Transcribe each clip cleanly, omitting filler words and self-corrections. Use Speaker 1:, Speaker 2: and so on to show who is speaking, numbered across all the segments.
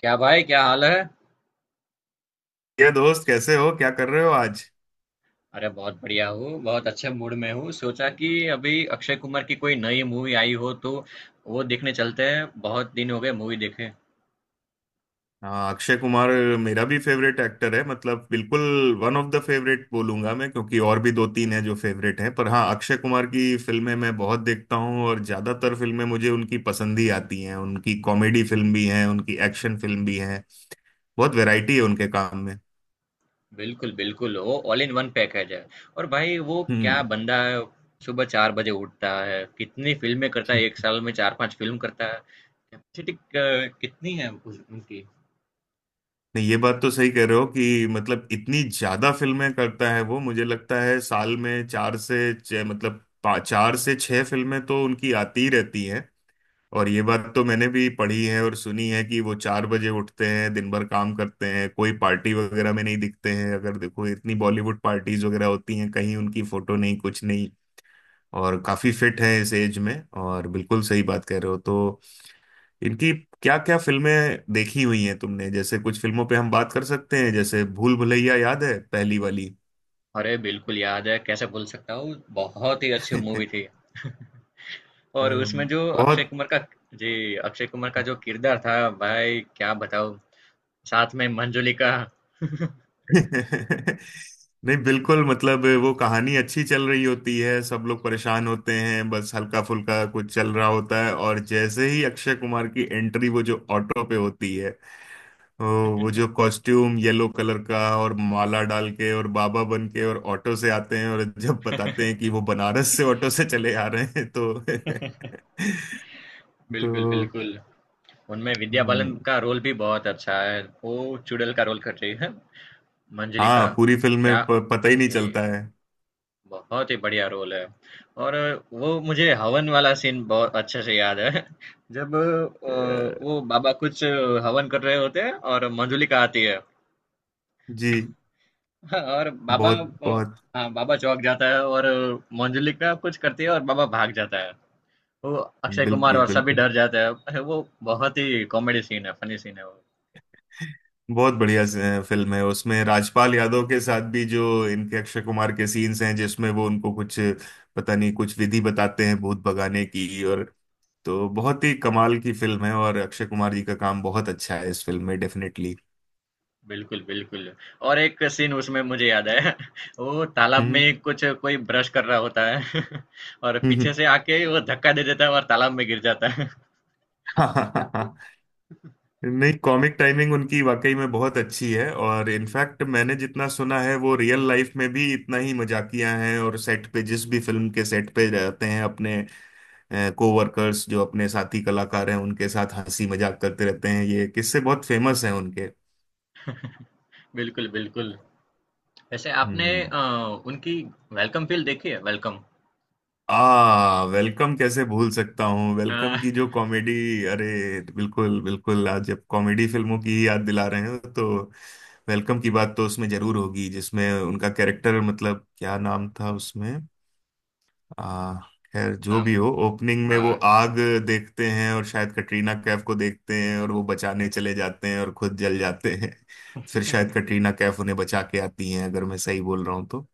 Speaker 1: क्या भाई क्या हाल है?
Speaker 2: ये दोस्त, कैसे हो? क्या कर रहे हो आज?
Speaker 1: अरे बहुत बढ़िया हूँ। बहुत अच्छे मूड में हूँ। सोचा कि अभी अक्षय कुमार की कोई नई मूवी आई हो तो वो देखने चलते हैं। बहुत दिन हो गए मूवी देखे।
Speaker 2: हाँ, अक्षय कुमार मेरा भी फेवरेट एक्टर है, मतलब बिल्कुल वन ऑफ द फेवरेट बोलूंगा मैं, क्योंकि और भी दो तीन हैं जो फेवरेट हैं। पर हाँ, अक्षय कुमार की फिल्में मैं बहुत देखता हूँ और ज्यादातर फिल्में मुझे उनकी पसंद ही आती हैं। उनकी कॉमेडी फिल्म भी हैं, उनकी एक्शन फिल्म भी हैं। बहुत वैरायटी है उनके काम में।
Speaker 1: बिल्कुल बिल्कुल, वो ऑल इन वन पैकेज है। और भाई वो क्या
Speaker 2: हम्म।
Speaker 1: बंदा है! सुबह 4 बजे उठता है, कितनी फिल्में करता है, एक साल में चार पांच फिल्म करता है। कैपेसिटी कितनी है उनकी।
Speaker 2: नहीं, ये बात तो सही कह रहे हो कि मतलब इतनी ज्यादा फिल्में करता है वो, मुझे लगता है साल में चार से छह, चार से छह फिल्में तो उनकी आती ही रहती हैं। और ये बात तो मैंने भी पढ़ी है और सुनी है कि वो 4 बजे उठते हैं, दिन भर काम करते हैं, कोई पार्टी वगैरह में नहीं दिखते हैं। अगर देखो इतनी बॉलीवुड पार्टीज वगैरह होती हैं, कहीं उनकी फोटो नहीं, कुछ नहीं। और काफी फिट है इस एज में। और बिल्कुल सही बात कह रहे हो। तो इनकी क्या क्या फिल्में देखी हुई हैं तुमने? जैसे कुछ फिल्मों पे हम बात कर सकते हैं, जैसे भूल भुलैया, याद है पहली वाली?
Speaker 1: अरे बिल्कुल याद है, कैसे भूल सकता हूँ। बहुत ही अच्छी मूवी थी। और उसमें जो अक्षय
Speaker 2: बहुत
Speaker 1: कुमार का... जी। अक्षय कुमार का जो किरदार था, भाई क्या बताऊं, साथ में मंजुलिका।
Speaker 2: नहीं बिल्कुल, मतलब वो कहानी अच्छी चल रही होती है, सब लोग परेशान होते हैं, बस हल्का फुल्का कुछ चल रहा होता है, और जैसे ही अक्षय कुमार की एंट्री वो जो ऑटो पे होती है, वो वो जो कॉस्ट्यूम येलो कलर का, और माला डाल के और बाबा बन के और ऑटो से आते हैं, और जब बताते हैं कि वो बनारस से ऑटो से चले आ रहे हैं तो
Speaker 1: बिल्कुल
Speaker 2: तो
Speaker 1: बिल्कुल। उनमें विद्या बालन
Speaker 2: हम्म।
Speaker 1: का रोल भी बहुत अच्छा है, वो चुड़ैल का रोल कर रही है, मंजुलिका।
Speaker 2: हाँ, पूरी फिल्म में
Speaker 1: क्या?
Speaker 2: पता ही नहीं
Speaker 1: जी।
Speaker 2: चलता है।
Speaker 1: बहुत ही बढ़िया रोल है। और वो मुझे हवन वाला सीन बहुत अच्छे से याद है। जब वो
Speaker 2: अ,
Speaker 1: बाबा कुछ हवन कर रहे होते हैं और मंजुलिका आती है।
Speaker 2: जी
Speaker 1: हाँ, और बाबा
Speaker 2: बहुत
Speaker 1: अ,
Speaker 2: बहुत
Speaker 1: हाँ, बाबा चौक जाता है और मंजुलिका का कुछ करती है और बाबा भाग जाता है। वो अक्षय कुमार
Speaker 2: बिल्कुल
Speaker 1: और सभी
Speaker 2: बिल्कुल।
Speaker 1: डर जाते हैं। अरे, वो बहुत ही कॉमेडी सीन है, फनी सीन है वो।
Speaker 2: बहुत बढ़िया फिल्म है उसमें, राजपाल यादव के साथ भी जो इनके अक्षय कुमार के सीन्स हैं, जिसमें वो उनको कुछ पता नहीं कुछ विधि बताते हैं भूत भगाने की। और तो बहुत ही कमाल की फिल्म है, और अक्षय कुमार जी का काम बहुत अच्छा है इस फिल्म में, डेफिनेटली।
Speaker 1: बिल्कुल बिल्कुल। और एक सीन उसमें मुझे याद है। वो तालाब
Speaker 2: हम्म
Speaker 1: में कुछ कोई ब्रश कर रहा होता है और
Speaker 2: हम्म,
Speaker 1: पीछे
Speaker 2: हम्म।
Speaker 1: से आके वो धक्का दे देता है और तालाब में गिर जाता है। या आपको...
Speaker 2: नहीं, कॉमिक टाइमिंग उनकी वाकई में बहुत अच्छी है, और
Speaker 1: जी।
Speaker 2: इनफैक्ट मैंने जितना सुना है वो रियल लाइफ में भी इतना ही मजाकिया हैं, और सेट पे, जिस भी फिल्म के सेट पे रहते हैं, अपने कोवर्कर्स जो अपने साथी कलाकार हैं उनके साथ हंसी मजाक करते रहते हैं। ये किस्से बहुत फेमस हैं उनके।
Speaker 1: बिल्कुल बिल्कुल। वैसे आपने
Speaker 2: हम्म।
Speaker 1: उनकी वेलकम फील देखी है? वेलकम...
Speaker 2: आ वेलकम, कैसे भूल सकता हूँ? वेलकम
Speaker 1: अ,
Speaker 2: की जो कॉमेडी, अरे बिल्कुल बिल्कुल, आज जब कॉमेडी फिल्मों की याद दिला रहे हैं तो वेलकम की बात तो उसमें जरूर होगी, जिसमें उनका कैरेक्टर, मतलब क्या नाम था उसमें, आ, खैर जो
Speaker 1: नाम...
Speaker 2: भी हो। ओपनिंग में वो
Speaker 1: हाँ।
Speaker 2: आग देखते हैं और शायद कटरीना कैफ को देखते हैं, और वो बचाने चले जाते हैं और खुद जल जाते हैं। फिर शायद कटरीना कैफ उन्हें बचा के आती हैं, अगर मैं सही बोल रहा हूँ तो।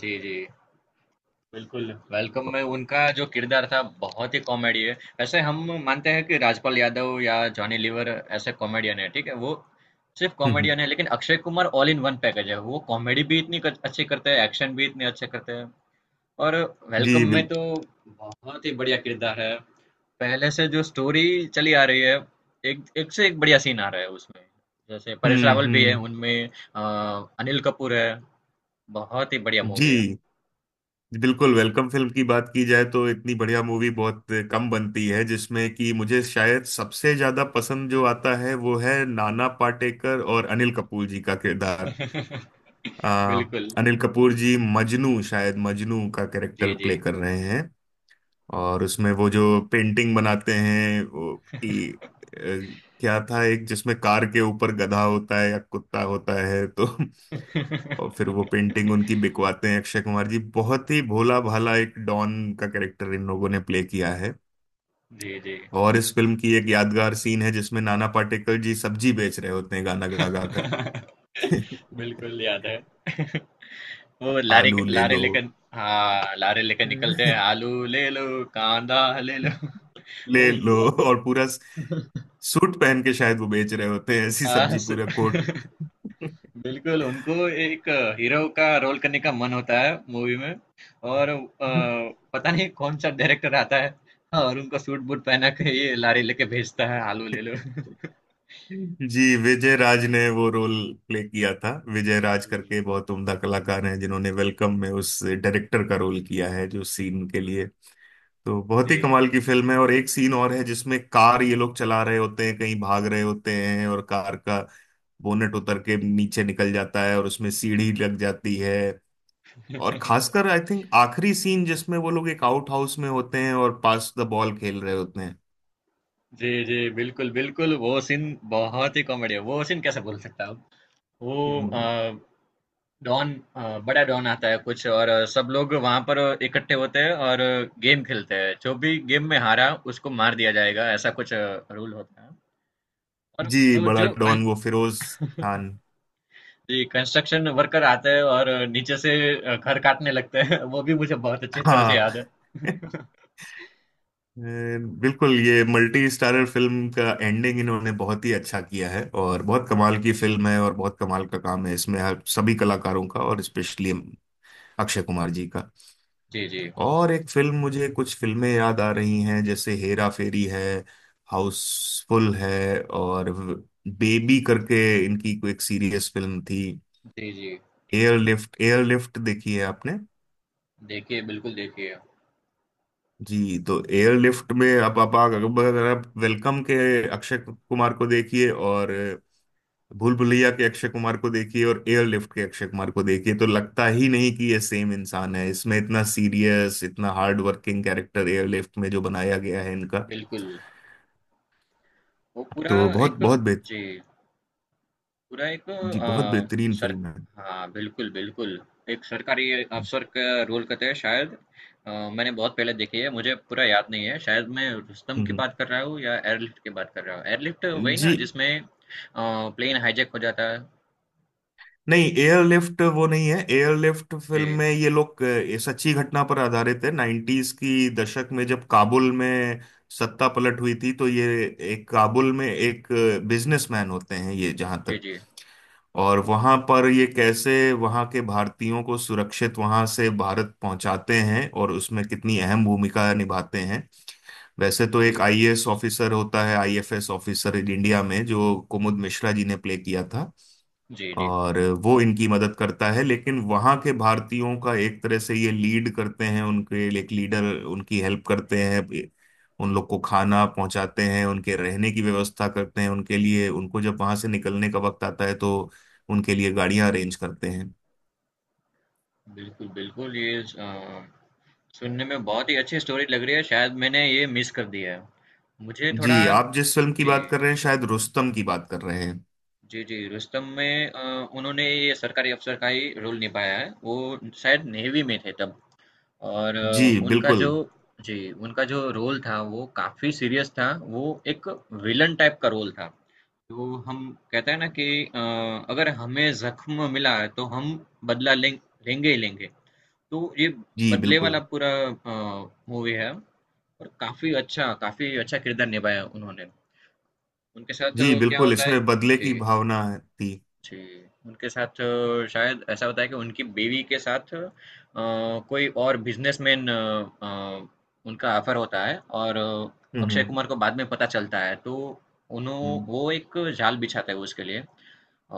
Speaker 1: जी जी। बिल्कुल, वेलकम में उनका जो किरदार था बहुत ही कॉमेडी है। वैसे हम मानते हैं कि राजपाल यादव या जॉनी लीवर ऐसे कॉमेडियन है, ठीक है, वो सिर्फ
Speaker 2: हम्म हम्म,
Speaker 1: कॉमेडियन है, लेकिन Akshay Kumar all in one package है। वो कॉमेडी भी इतनी अच्छी करते हैं, एक्शन भी इतने अच्छे करते हैं। और वेलकम
Speaker 2: जी
Speaker 1: में
Speaker 2: बिल
Speaker 1: तो बहुत ही बढ़िया किरदार है। पहले से जो स्टोरी चली आ रही है, एक एक से एक बढ़िया सीन आ रहा है उसमें। जैसे परेश रावल भी है
Speaker 2: हम्म।
Speaker 1: उनमें, अ, अनिल कपूर है। बहुत ही बढ़िया मूवी है।
Speaker 2: जी बिल्कुल, वेलकम फिल्म की बात की जाए तो इतनी बढ़िया मूवी बहुत कम बनती है, जिसमें कि मुझे शायद सबसे ज्यादा पसंद जो आता है वो है नाना पाटेकर और अनिल कपूर जी का किरदार। आ,
Speaker 1: बिल्कुल।
Speaker 2: अनिल कपूर जी मजनू, शायद मजनू का
Speaker 1: जी
Speaker 2: कैरेक्टर
Speaker 1: जी।
Speaker 2: प्ले कर रहे हैं, और उसमें वो जो पेंटिंग बनाते हैं वो, कि अ, क्या था, एक जिसमें कार के ऊपर गधा होता है या कुत्ता होता है तो और फिर वो पेंटिंग उनकी बिकवाते हैं अक्षय कुमार जी, बहुत ही भोला भाला एक डॉन का कैरेक्टर इन लोगों ने प्ले किया है।
Speaker 1: जी, जी।
Speaker 2: और इस फिल्म की एक यादगार सीन है जिसमें नाना पाटेकर जी सब्जी बेच रहे होते हैं गाना गा गा कर
Speaker 1: बिल्कुल याद है। वो
Speaker 2: आलू ले
Speaker 1: लारी
Speaker 2: लो
Speaker 1: लेकर, हाँ, लारी लेकर निकलते हैं, आलू ले लो, कांदा ले लो। वो
Speaker 2: ले लो
Speaker 1: उनको
Speaker 2: और पूरा सूट पहन के शायद वो बेच रहे होते हैं ऐसी
Speaker 1: हाँ,
Speaker 2: सब्जी,
Speaker 1: स...
Speaker 2: पूरा कोट।
Speaker 1: बिल्कुल, उनको एक हीरो का रोल करने का मन होता है मूवी में। और पता नहीं कौन-सा डायरेक्टर आता है, हाँ, और उनको सूट-बूट पहना के ये लारी लेके भेजता है, आलू ले लो। जी,
Speaker 2: जी, विजय राज ने वो रोल प्ले किया था, विजय राज
Speaker 1: जी।
Speaker 2: करके बहुत उम्दा कलाकार हैं, जिन्होंने वेलकम में उस डायरेक्टर का रोल किया है जो सीन के लिए। तो बहुत ही
Speaker 1: जी, जी।
Speaker 2: कमाल की फिल्म है। और एक सीन और है जिसमें कार ये लोग चला रहे होते हैं, कहीं भाग रहे होते हैं, और कार का बोनेट उतर के नीचे निकल जाता है और उसमें सीढ़ी लग जाती है। और खासकर आई थिंक आखिरी सीन जिसमें वो लोग एक आउट हाउस में होते हैं और पास द बॉल खेल रहे होते हैं।
Speaker 1: जी, जी, बिल्कुल, बिल्कुल, वो सीन बहुत ही कॉमेडी है, वो सीन कैसे भूल सकता हूँ। वो
Speaker 2: हम्म।
Speaker 1: डॉन बड़ा डॉन आता है कुछ, और सब लोग वहाँ पर इकट्ठे होते हैं और गेम खेलते हैं, जो भी गेम में हारा उसको मार दिया जाएगा, ऐसा कुछ रूल होता है। और
Speaker 2: जी,
Speaker 1: वो
Speaker 2: बड़ा
Speaker 1: जो कं
Speaker 2: डॉन वो फिरोज खान।
Speaker 1: जी, कंस्ट्रक्शन वर्कर आते हैं और नीचे से घर काटने लगते हैं, वो भी मुझे बहुत अच्छी तरह से
Speaker 2: हाँ।
Speaker 1: याद है।
Speaker 2: अ, बिल्कुल, ये मल्टी स्टारर फिल्म का एंडिंग इन्होंने बहुत ही अच्छा किया है, और बहुत कमाल की फिल्म है, और बहुत कमाल का काम है इसमें हर सभी कलाकारों का, और स्पेशली अक्षय कुमार जी का।
Speaker 1: जी, जी।
Speaker 2: और एक फिल्म, मुझे कुछ फिल्में याद आ रही हैं जैसे हेरा फेरी है, हाउसफुल है, और बेबी करके इनकी कोई एक सीरियस फिल्म थी।
Speaker 1: जी, जी।
Speaker 2: एयरलिफ्ट, एयरलिफ्ट देखी है आपने?
Speaker 1: देखिए।
Speaker 2: जी, तो एयरलिफ्ट में, अब अब अगर आप वेलकम के अक्षय कुमार को देखिए, और भूल भुलैया के अक्षय कुमार को देखिए, और एयरलिफ्ट के अक्षय कुमार को देखिए, तो लगता ही नहीं कि ये सेम इंसान है। इसमें इतना सीरियस इतना हार्ड वर्किंग कैरेक्टर एयरलिफ्ट में जो बनाया गया है इनका,
Speaker 1: बिल्कुल, वो पूरा
Speaker 2: तो बहुत
Speaker 1: एक
Speaker 2: बहुत
Speaker 1: जी। बुराई को
Speaker 2: जी बहुत
Speaker 1: आ,
Speaker 2: बेहतरीन
Speaker 1: सर
Speaker 2: फिल्म है।
Speaker 1: हाँ बिल्कुल बिल्कुल, एक सरकारी अफसर का रोल कहते हैं शायद। मैंने बहुत पहले देखी है, मुझे पूरा याद नहीं है। शायद मैं रुस्तम की
Speaker 2: हम्म,
Speaker 1: बात कर रहा हूँ या एयरलिफ्ट की बात कर रहा हूँ। एयरलिफ्ट वही ना,
Speaker 2: जी।
Speaker 1: जिसमें प्लेन हाईजैक हो जाता है?
Speaker 2: नहीं, एयरलिफ्ट वो नहीं है। एयरलिफ्ट फिल्म
Speaker 1: जी
Speaker 2: में ये लोग, ये सच्ची घटना पर आधारित है 90s की दशक में, जब काबुल में सत्ता पलट हुई थी तो ये एक काबुल में एक बिजनेसमैन होते हैं ये, जहां
Speaker 1: जी।
Speaker 2: तक,
Speaker 1: जी
Speaker 2: और वहां पर ये कैसे वहां के भारतीयों को सुरक्षित वहां से भारत पहुंचाते हैं, और उसमें कितनी अहम भूमिका निभाते हैं। वैसे तो
Speaker 1: जी।
Speaker 2: एक आईएएस ऑफिसर होता है, आईएफएस ऑफिसर इन इंडिया में, जो कुमुद मिश्रा जी ने प्ले किया था,
Speaker 1: जी जी।
Speaker 2: और वो इनकी मदद करता है, लेकिन वहाँ के भारतीयों का एक तरह से ये लीड करते हैं, उनके एक लीडर। उनकी हेल्प करते हैं, उन लोग को खाना पहुंचाते हैं, उनके रहने की व्यवस्था करते हैं उनके लिए, उनको जब वहां से निकलने का वक्त आता है तो उनके लिए गाड़ियां अरेंज करते हैं।
Speaker 1: बिल्कुल बिल्कुल। ये सुनने में बहुत ही अच्छी स्टोरी लग रही है, शायद मैंने ये मिस कर दिया है। मुझे
Speaker 2: जी,
Speaker 1: थोड़ा...
Speaker 2: आप जिस फिल्म की
Speaker 1: जी।
Speaker 2: बात कर रहे हैं शायद रुस्तम की बात कर रहे हैं।
Speaker 1: जी, जी, रुस्तम में उन्होंने ये सरकारी अफ़सर का ही रोल निभाया है। वो शायद नेवी में थे तब। और
Speaker 2: जी
Speaker 1: उनका जो
Speaker 2: बिल्कुल।
Speaker 1: जी, उनका जो रोल था वो काफ़ी सीरियस था। वो एक विलन टाइप का रोल था। तो हम कहते हैं ना कि अगर हमें ज़ख्म मिला है तो हम बदला लेंगे ही लेंगे। तो ये
Speaker 2: जी
Speaker 1: बदले वाला
Speaker 2: बिल्कुल।
Speaker 1: पूरा मूवी है और काफ़ी अच्छा, काफ़ी अच्छा किरदार निभाया उन्होंने। उनके साथ
Speaker 2: जी
Speaker 1: क्या
Speaker 2: बिल्कुल,
Speaker 1: होता है?
Speaker 2: इसमें बदले
Speaker 1: जी।
Speaker 2: की भावना थी।
Speaker 1: जी, उनके साथ शायद ऐसा होता है कि उनकी बीवी के साथ कोई और बिजनेसमैन उनका ऑफर होता है और अक्षय
Speaker 2: हम्म
Speaker 1: कुमार को बाद में पता चलता है, तो उन्हों
Speaker 2: हम्म
Speaker 1: वो एक जाल बिछाता है उसके लिए।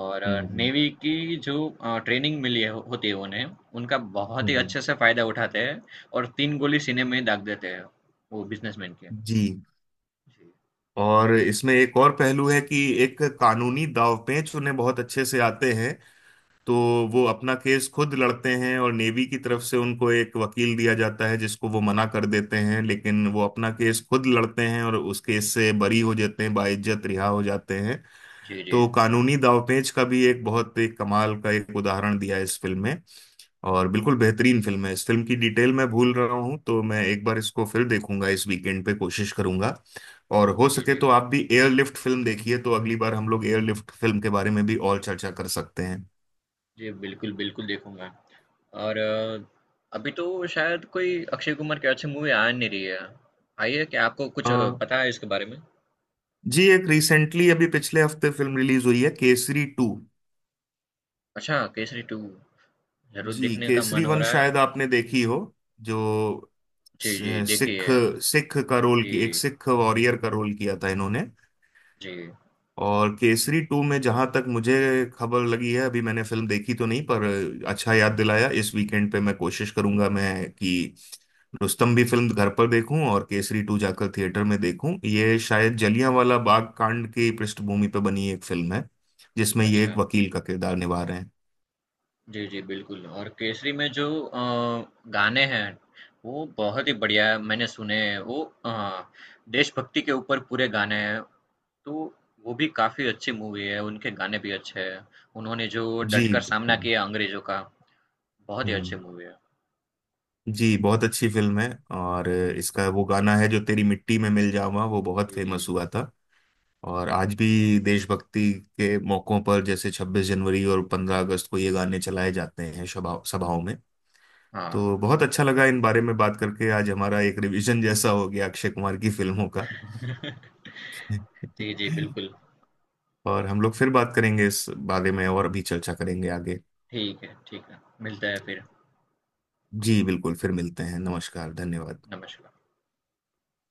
Speaker 1: और
Speaker 2: हम्म
Speaker 1: नेवी की जो ट्रेनिंग मिली है होती है उन्हें, उनका बहुत
Speaker 2: हम्म,
Speaker 1: ही
Speaker 2: हम्म,
Speaker 1: अच्छे से फायदा उठाते हैं और तीन गोली सीने में दाग देते हैं वो बिजनेसमैन के।
Speaker 2: जी।
Speaker 1: जी
Speaker 2: और इसमें एक और पहलू है कि एक कानूनी दांवपेच उन्हें बहुत अच्छे से आते हैं, तो वो अपना केस खुद लड़ते हैं, और नेवी की तरफ से उनको एक वकील दिया जाता है जिसको वो मना कर देते हैं, लेकिन वो अपना केस खुद लड़ते हैं और उस केस से बरी हो जाते हैं, बाइज्जत रिहा हो जाते हैं।
Speaker 1: जी। जी
Speaker 2: तो कानूनी दांवपेच का भी एक बहुत एक कमाल का एक उदाहरण दिया है इस फिल्म में। और बिल्कुल बेहतरीन फिल्म है। इस फिल्म की डिटेल मैं भूल रहा हूँ, तो मैं एक बार इसको फिर देखूंगा इस वीकेंड पे, कोशिश करूंगा। और हो
Speaker 1: जी।
Speaker 2: सके
Speaker 1: जी
Speaker 2: तो आप भी एयरलिफ्ट फिल्म देखिए, तो अगली बार हम लोग एयरलिफ्ट फिल्म के बारे में भी और चर्चा कर सकते हैं।
Speaker 1: जी। बिल्कुल बिल्कुल, देखूंगा। और अभी तो शायद कोई अक्षय कुमार की अच्छी मूवी आ नहीं रही है, आई है क्या? आपको
Speaker 2: अ,
Speaker 1: कुछ पता है इसके बारे में?
Speaker 2: जी, एक रिसेंटली अभी पिछले हफ्ते फिल्म रिलीज हुई है, केसरी टू।
Speaker 1: अच्छा, केसरी टू? जरूर
Speaker 2: जी,
Speaker 1: देखने का
Speaker 2: केसरी
Speaker 1: मन हो
Speaker 2: वन
Speaker 1: रहा है।
Speaker 2: शायद आपने देखी हो, जो
Speaker 1: जी जी,
Speaker 2: सिख
Speaker 1: देखिए।
Speaker 2: सिख का रोल, की एक
Speaker 1: जी
Speaker 2: सिख वॉरियर का रोल किया था इन्होंने।
Speaker 1: जी।
Speaker 2: और केसरी टू में जहां तक मुझे खबर लगी है, अभी मैंने फिल्म देखी तो नहीं, पर अच्छा याद दिलाया। इस वीकेंड पे मैं कोशिश करूंगा मैं कि रुस्तम भी फिल्म घर पर देखूं, और केसरी टू जाकर थिएटर में देखूं। ये शायद जलियांवाला बाग कांड की पृष्ठभूमि पर बनी एक फिल्म है जिसमें ये
Speaker 1: अच्छा।
Speaker 2: एक वकील का किरदार निभा रहे हैं।
Speaker 1: जी जी बिल्कुल। और केसरी में जो गाने हैं, वो बहुत ही बढ़िया है, मैंने सुने हैं। वो देशभक्ति के ऊपर पूरे गाने हैं, तो वो भी काफी अच्छी मूवी है। उनके गाने भी अच्छे हैं। उन्होंने जो
Speaker 2: जी
Speaker 1: डटकर सामना
Speaker 2: बिल्कुल।
Speaker 1: किया अंग्रेजों का, बहुत ही अच्छी
Speaker 2: हम्म।
Speaker 1: मूवी है।
Speaker 2: जी बहुत अच्छी फिल्म है। और इसका वो गाना है जो तेरी मिट्टी में मिल जावा, वो बहुत
Speaker 1: जी, जी।
Speaker 2: फेमस हुआ था। और आज भी देशभक्ति के मौकों पर जैसे 26 जनवरी और 15 अगस्त को ये गाने चलाए जाते हैं सभा सभाओं में।
Speaker 1: हाँ।
Speaker 2: तो बहुत अच्छा लगा इन बारे में बात करके, आज हमारा एक रिवीजन जैसा हो गया अक्षय कुमार की फिल्मों का।
Speaker 1: जी, जी, बिल्कुल।
Speaker 2: और हम लोग फिर बात करेंगे इस बारे में, और भी चर्चा करेंगे आगे।
Speaker 1: ठीक है, ठीक है, मिलते हैं फिर।
Speaker 2: जी बिल्कुल, फिर मिलते हैं। नमस्कार, धन्यवाद।
Speaker 1: नमस्कार।